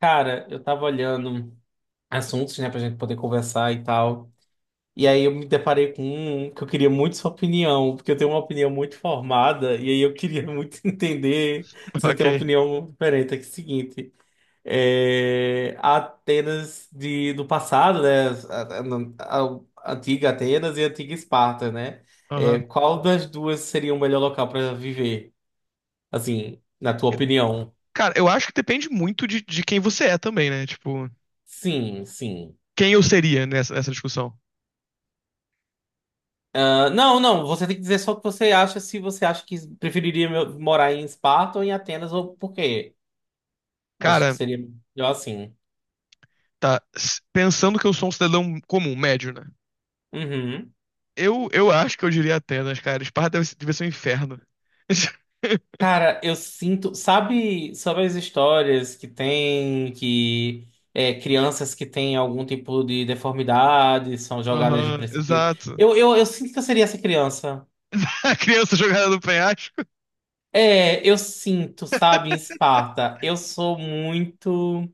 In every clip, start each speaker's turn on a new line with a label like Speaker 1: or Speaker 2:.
Speaker 1: Cara, eu tava olhando assuntos, né, pra gente poder conversar e tal. E aí eu me deparei com um que eu queria muito sua opinião, porque eu tenho uma opinião muito formada, e aí eu queria muito entender se você tem uma
Speaker 2: Ok.
Speaker 1: opinião diferente. É que é o seguinte, a Atenas de, do passado, né, a- a- a antiga Atenas e a antiga Esparta, né?
Speaker 2: Aham.
Speaker 1: Qual das duas seria o melhor local para viver, assim, na tua
Speaker 2: Eu-
Speaker 1: opinião?
Speaker 2: Cara, eu acho que depende muito de quem você é também, né? Tipo,
Speaker 1: Sim, sim.
Speaker 2: quem eu seria nessa discussão?
Speaker 1: Ah, não, não, você tem que dizer só o que você acha, se você acha que preferiria morar em Esparta ou em Atenas, ou por quê. Acho que
Speaker 2: Cara,
Speaker 1: seria melhor assim.
Speaker 2: tá. Pensando que eu sou um cidadão comum, médio, né?
Speaker 1: Uhum.
Speaker 2: Eu acho que eu diria Atenas, cara. Esparta devia ser um inferno.
Speaker 1: Cara, eu sinto, sabe, sobre as histórias que tem, que crianças que têm algum tipo de deformidade são jogadas de
Speaker 2: Aham,
Speaker 1: precipício.
Speaker 2: exato.
Speaker 1: Eu sinto que eu seria essa criança.
Speaker 2: A criança jogada no penhasco.
Speaker 1: Eu sinto, sabe, em Esparta, eu sou muito.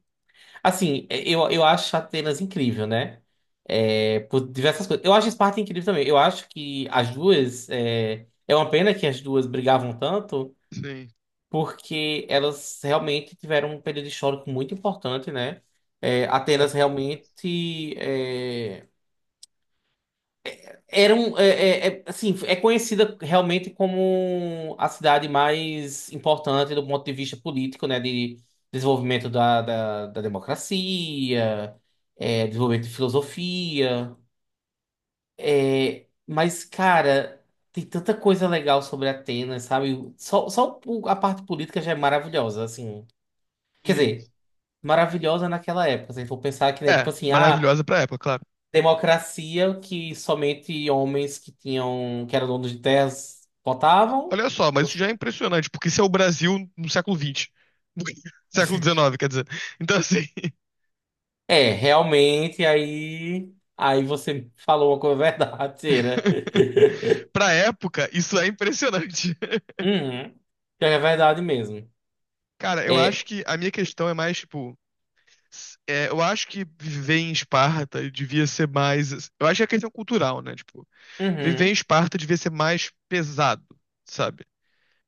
Speaker 1: Assim, eu acho Atenas incrível, né? É, por diversas coisas. Eu acho Esparta incrível também. Eu acho que as duas. É uma pena que as duas brigavam tanto,
Speaker 2: Sim.
Speaker 1: porque elas realmente tiveram um período histórico muito importante, né?
Speaker 2: É,
Speaker 1: Atenas
Speaker 2: com certeza.
Speaker 1: realmente. Era um, assim, é conhecida realmente como a cidade mais importante do ponto de vista político, né, de desenvolvimento da democracia, desenvolvimento de filosofia, mas, cara, tem tanta coisa legal sobre Atenas, sabe? Só a parte política já é maravilhosa, assim. Quer
Speaker 2: Sim.
Speaker 1: dizer, maravilhosa naquela época, se a gente for pensar que, né, tipo
Speaker 2: É,
Speaker 1: assim,
Speaker 2: maravilhosa pra época, claro.
Speaker 1: democracia que somente homens que tinham, que eram donos de terras votavam.
Speaker 2: Olha só, mas isso já é impressionante, porque isso é o Brasil no século XX. Século XIX, quer dizer. Então, assim.
Speaker 1: Realmente, aí você falou uma coisa verdadeira.
Speaker 2: Pra época, isso é impressionante.
Speaker 1: Uhum. Pior que é verdade mesmo.
Speaker 2: Cara, eu acho
Speaker 1: É,
Speaker 2: que a minha questão é mais, tipo, é, eu acho que viver em Esparta devia ser mais. Eu acho que é questão cultural, né? Tipo, viver em
Speaker 1: uhum.
Speaker 2: Esparta devia ser mais pesado, sabe?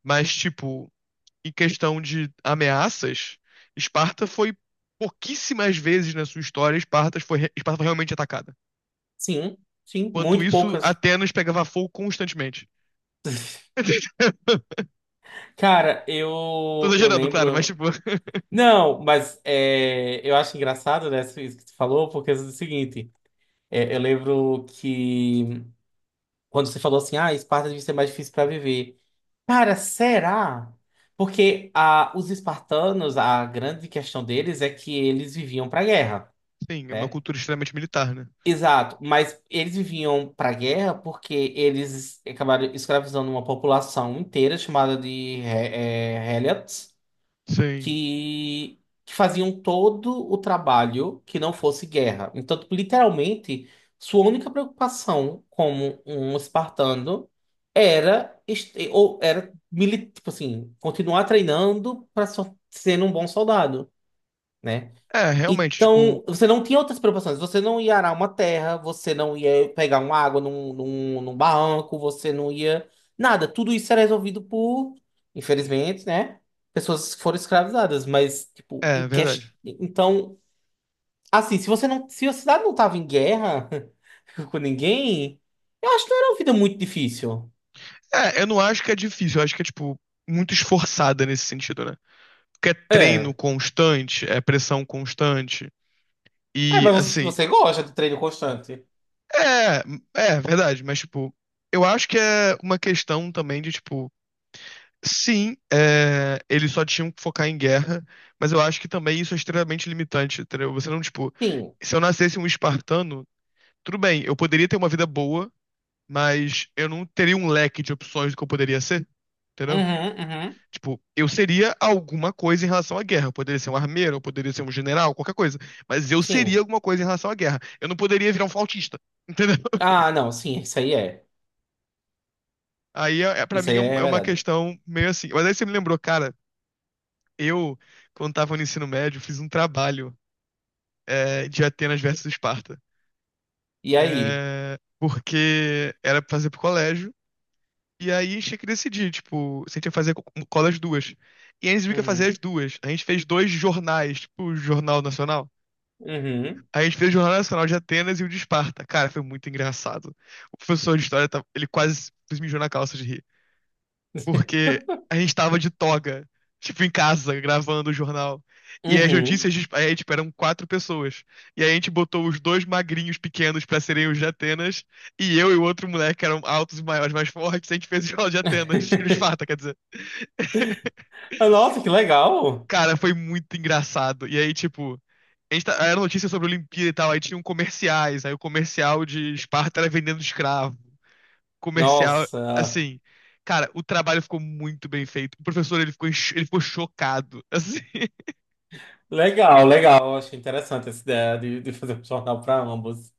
Speaker 2: Mas, tipo, em questão de ameaças, Esparta foi pouquíssimas vezes na sua história, Esparta foi realmente atacada.
Speaker 1: Sim, sim,
Speaker 2: Enquanto
Speaker 1: muito
Speaker 2: isso,
Speaker 1: poucas.
Speaker 2: Atenas pegava fogo constantemente.
Speaker 1: Cara,
Speaker 2: Tô
Speaker 1: eu
Speaker 2: exagerando, claro, mas,
Speaker 1: lembro.
Speaker 2: tipo,
Speaker 1: Não, mas eu acho engraçado, né, isso que tu falou, porque é o seguinte, eu lembro que quando você falou assim, Esparta devia ser mais difícil para viver. Cara, será? Porque os espartanos, a grande questão deles é que eles viviam para guerra,
Speaker 2: sim, é uma
Speaker 1: né?
Speaker 2: cultura extremamente militar, né?
Speaker 1: Exato, mas eles viviam para guerra porque eles acabaram escravizando uma população inteira chamada de Helots
Speaker 2: Sim.
Speaker 1: que, que faziam todo o trabalho que não fosse guerra. Então, tipo, literalmente, sua única preocupação como um espartano era, ou era tipo assim, continuar treinando para sendo um bom soldado. Né?
Speaker 2: É, realmente,
Speaker 1: Então,
Speaker 2: tipo,
Speaker 1: você não tinha outras preocupações. Você não ia arar uma terra, você não ia pegar uma água num barranco, você não ia. Nada. Tudo isso era resolvido por, infelizmente, né? Pessoas que foram escravizadas. Mas, tipo,
Speaker 2: é verdade.
Speaker 1: então, assim, se você não. Se a cidade não tava em guerra com ninguém, eu acho que não era uma vida muito difícil.
Speaker 2: É, eu não acho que é difícil, eu acho que é, tipo, muito esforçada nesse sentido, né? Porque é treino
Speaker 1: É.
Speaker 2: constante, é pressão constante.
Speaker 1: É,
Speaker 2: E,
Speaker 1: mas você,
Speaker 2: assim,
Speaker 1: você gosta de treino constante.
Speaker 2: é, é verdade, mas, tipo, eu acho que é uma questão também de, tipo, sim, é, eles só tinham que focar em guerra, mas eu acho que também isso é extremamente limitante, entendeu? Você não, tipo,
Speaker 1: Sim.
Speaker 2: se eu nascesse um espartano, tudo bem, eu poderia ter uma vida boa. Mas eu não teria um leque de opções do que eu poderia ser, entendeu?
Speaker 1: Uhum, uhum.
Speaker 2: Tipo, eu seria alguma coisa em relação à guerra. Eu poderia ser um armeiro, eu poderia ser um general, qualquer coisa. Mas eu seria
Speaker 1: Sim.
Speaker 2: alguma coisa em relação à guerra. Eu não poderia virar um flautista, entendeu?
Speaker 1: Ah, não, sim, isso aí é.
Speaker 2: Aí, pra
Speaker 1: Isso
Speaker 2: mim,
Speaker 1: aí é
Speaker 2: é uma
Speaker 1: verdade.
Speaker 2: questão meio assim. Mas aí você me lembrou, cara, eu, quando tava no ensino médio, fiz um trabalho de Atenas versus Esparta.
Speaker 1: E aí?
Speaker 2: É, porque era pra fazer pro colégio. E aí a gente tinha que decidir, tipo, se a gente ia fazer um, qual das duas. E aí a gente viu que ia fazer
Speaker 1: Uhum.
Speaker 2: as duas. A gente fez dois jornais, tipo, o Jornal Nacional.
Speaker 1: Uhum.
Speaker 2: A gente fez o Jornal Nacional de Atenas e o de Esparta. Cara, foi muito engraçado. O professor de história, ele quase se mijou na calça de rir porque a gente tava de toga, tipo, em casa, gravando o jornal. E as
Speaker 1: Uhum.
Speaker 2: notícias, aí, tipo, eram quatro pessoas. E aí a gente botou os dois magrinhos pequenos pra serem os de Atenas, e eu e o outro moleque, que eram altos e maiores, mais fortes, a gente fez o jornal de Atenas, de Esparta, quer dizer.
Speaker 1: Ah, nossa, que legal!
Speaker 2: Cara, foi muito engraçado. E aí, tipo, era notícia sobre a Olimpíada e tal, aí tinham comerciais, aí o comercial de Esparta era vendendo escravo. comercial,
Speaker 1: Nossa,
Speaker 2: assim, cara, o trabalho ficou muito bem feito. O professor, ele ficou, ele ficou chocado, assim,
Speaker 1: legal, legal. Acho interessante essa ideia de fazer um jornal para ambos.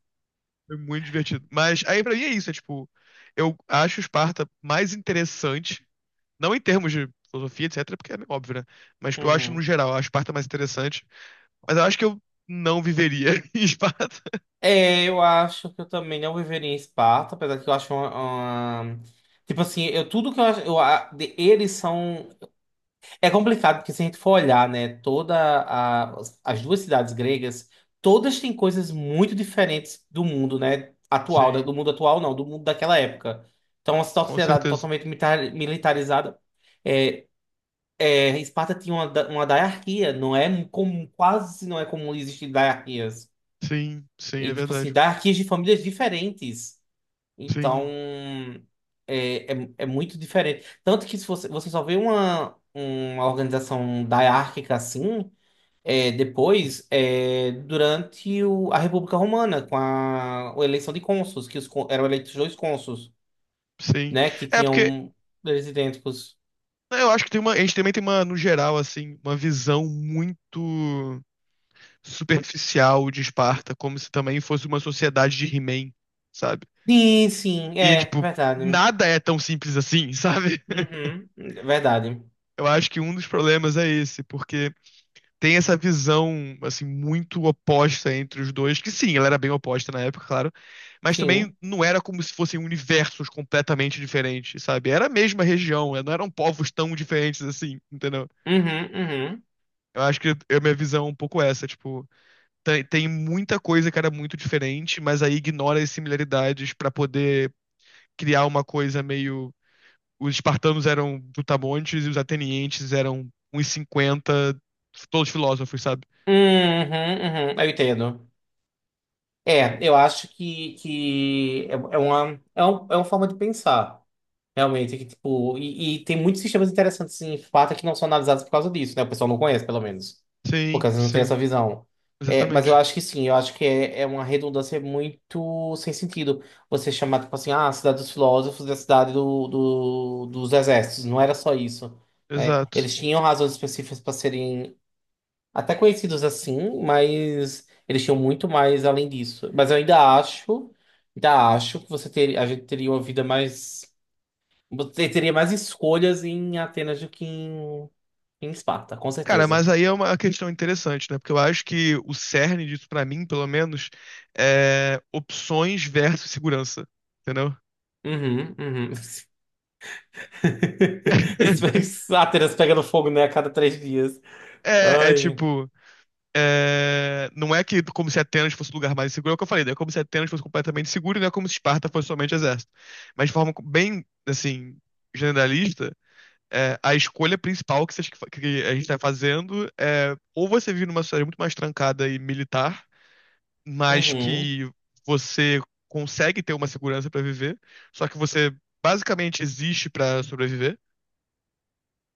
Speaker 2: foi muito divertido. Mas aí pra mim é isso, é tipo, eu acho Esparta mais interessante, não em termos de filosofia, etc, porque é meio óbvio, né? Mas tipo, eu acho no
Speaker 1: Uhum.
Speaker 2: geral, a Esparta mais interessante, mas eu acho que eu não viveria em Esparta.
Speaker 1: Eu acho que eu também não viveria em Esparta, apesar que eu acho uma- Tipo assim, eu, tudo que eu acho. Eles são. É complicado, porque se a gente for olhar, né, as duas cidades gregas, todas têm coisas muito diferentes do mundo, né, atual,
Speaker 2: Sim,
Speaker 1: do mundo atual não, do mundo daquela época. Então, uma
Speaker 2: com
Speaker 1: sociedade
Speaker 2: certeza.
Speaker 1: totalmente militarizada. É, Esparta tinha uma diarquia, não é comum, quase não é comum existir diarquias.
Speaker 2: Sim, sim, é
Speaker 1: E, tipo assim,
Speaker 2: verdade.
Speaker 1: diarquias de famílias diferentes. Então,
Speaker 2: Sim,
Speaker 1: é muito diferente. Tanto que se você só vê uma organização diárquica assim, depois, durante a República Romana, com a eleição de cônsules, que eram eleitos dois cônsules,
Speaker 2: sim.
Speaker 1: né? Que
Speaker 2: É porque
Speaker 1: tinham eles idênticos.
Speaker 2: né, eu acho que tem uma, a gente também tem uma, no geral, assim, uma visão muito superficial de Esparta, como se também fosse uma sociedade de He-Man, sabe?
Speaker 1: Sim, sim,
Speaker 2: E,
Speaker 1: é
Speaker 2: tipo,
Speaker 1: verdade.
Speaker 2: nada é tão simples assim, sabe?
Speaker 1: Uhum, é verdade.
Speaker 2: Eu acho que um dos problemas é esse, porque tem essa visão, assim, muito oposta entre os dois, que sim, ela era bem oposta na época, claro, mas também
Speaker 1: Sim.
Speaker 2: não era como se fossem universos completamente diferentes, sabe? Era a mesma região, não eram povos tão diferentes assim, entendeu?
Speaker 1: Uhum, uhum.
Speaker 2: Eu acho que a minha visão é um pouco essa, tipo, Tem muita coisa que era muito diferente, mas aí ignora as similaridades pra poder criar uma coisa meio. Os espartanos eram brutamontes e os atenienses eram uns cinquenta todos filósofos, sabe?
Speaker 1: Uhum, uhum, uhum. Eu entendo. Eu acho que é, é uma forma de pensar, realmente. Que, tipo, e tem muitos sistemas interessantes em Sparta que não são analisados por causa disso, né? O pessoal não conhece, pelo menos. Porque
Speaker 2: Sim,
Speaker 1: às vezes não tem
Speaker 2: sim,
Speaker 1: essa visão. É, mas eu
Speaker 2: exatamente.
Speaker 1: acho que sim, eu acho que é uma redundância muito sem sentido. Você chamar, tipo assim, a cidade dos filósofos e a cidade dos exércitos. Não era só isso, né?
Speaker 2: Exato.
Speaker 1: Eles tinham razões específicas para serem até conhecidos assim, mas eles tinham muito mais além disso. Mas eu ainda acho que você ter, a gente teria uma vida mais. Você teria mais escolhas em Atenas do que em Esparta, com
Speaker 2: Cara,
Speaker 1: certeza.
Speaker 2: mas aí é uma questão interessante, né? Porque eu acho que o cerne disso, pra mim, pelo menos, é opções versus segurança, entendeu?
Speaker 1: Uhum, uhum. Atenas pega no fogo, né, a cada 3 dias.
Speaker 2: É,
Speaker 1: Ai.
Speaker 2: tipo, É, não é que como se Atenas fosse o lugar mais seguro, é o que eu falei, não é como se Atenas fosse completamente seguro, e não é como se Esparta fosse somente exército. Mas de forma bem, assim, generalista, é, a escolha principal que a gente está fazendo é ou você vive numa sociedade muito mais trancada e militar, mas
Speaker 1: Uhum,
Speaker 2: que você consegue ter uma segurança para viver, só que você basicamente existe para sobreviver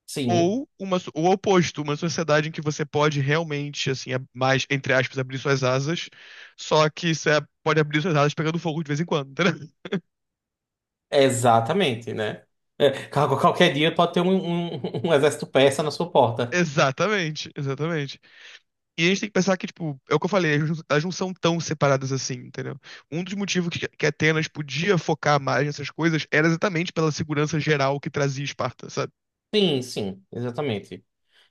Speaker 1: sim,
Speaker 2: ou o oposto, uma sociedade em que você pode realmente, assim, mais, entre aspas, abrir suas asas, só que você pode abrir suas asas pegando fogo de vez em quando, entendeu?
Speaker 1: exatamente, né? Qualquer dia pode ter um exército persa na sua porta.
Speaker 2: Exatamente, exatamente. E a gente tem que pensar que, tipo, é o que eu falei, elas não são tão separadas assim, entendeu? Um dos motivos que Atenas podia focar mais nessas coisas era exatamente pela segurança geral que trazia Esparta, sabe?
Speaker 1: Sim, sim, exatamente.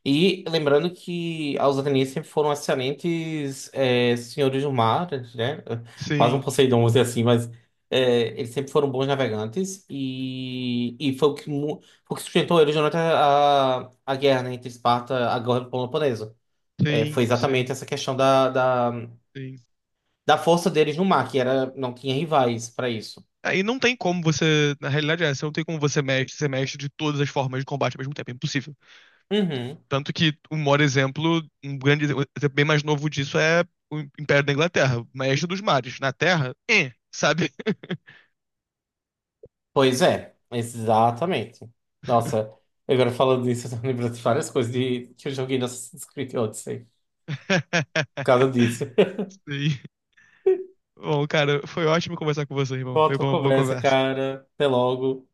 Speaker 1: E lembrando que os atenienses sempre foram excelentes senhores do mar, né? Quase um
Speaker 2: Sim,
Speaker 1: Poseidon, vamos dizer assim, mas eles sempre foram bons navegantes e, foi o que, foi o que sustentou eles durante a guerra né, entre Esparta a e Peloponeso. Foi
Speaker 2: sim,
Speaker 1: exatamente
Speaker 2: sim,
Speaker 1: essa questão da, da,
Speaker 2: sim.
Speaker 1: da força deles no mar, que era, não tinha rivais para isso.
Speaker 2: Aí não tem como você, na realidade é, você não tem como você mexe de todas as formas de combate ao mesmo tempo, é impossível.
Speaker 1: Uhum.
Speaker 2: Tanto que um maior exemplo, um grande exemplo bem mais novo disso é o Império da Inglaterra, o Maestro dos Mares. Na Terra, sabe?
Speaker 1: Pois é, exatamente. Nossa, agora falando disso, eu tô lembrando de várias coisas que eu joguei no Assassin's Creed Odyssey. Por causa disso.
Speaker 2: Sim. Bom, cara, foi ótimo conversar com você, irmão. Foi
Speaker 1: Volta a
Speaker 2: uma boa
Speaker 1: conversa,
Speaker 2: conversa.
Speaker 1: cara. Até logo.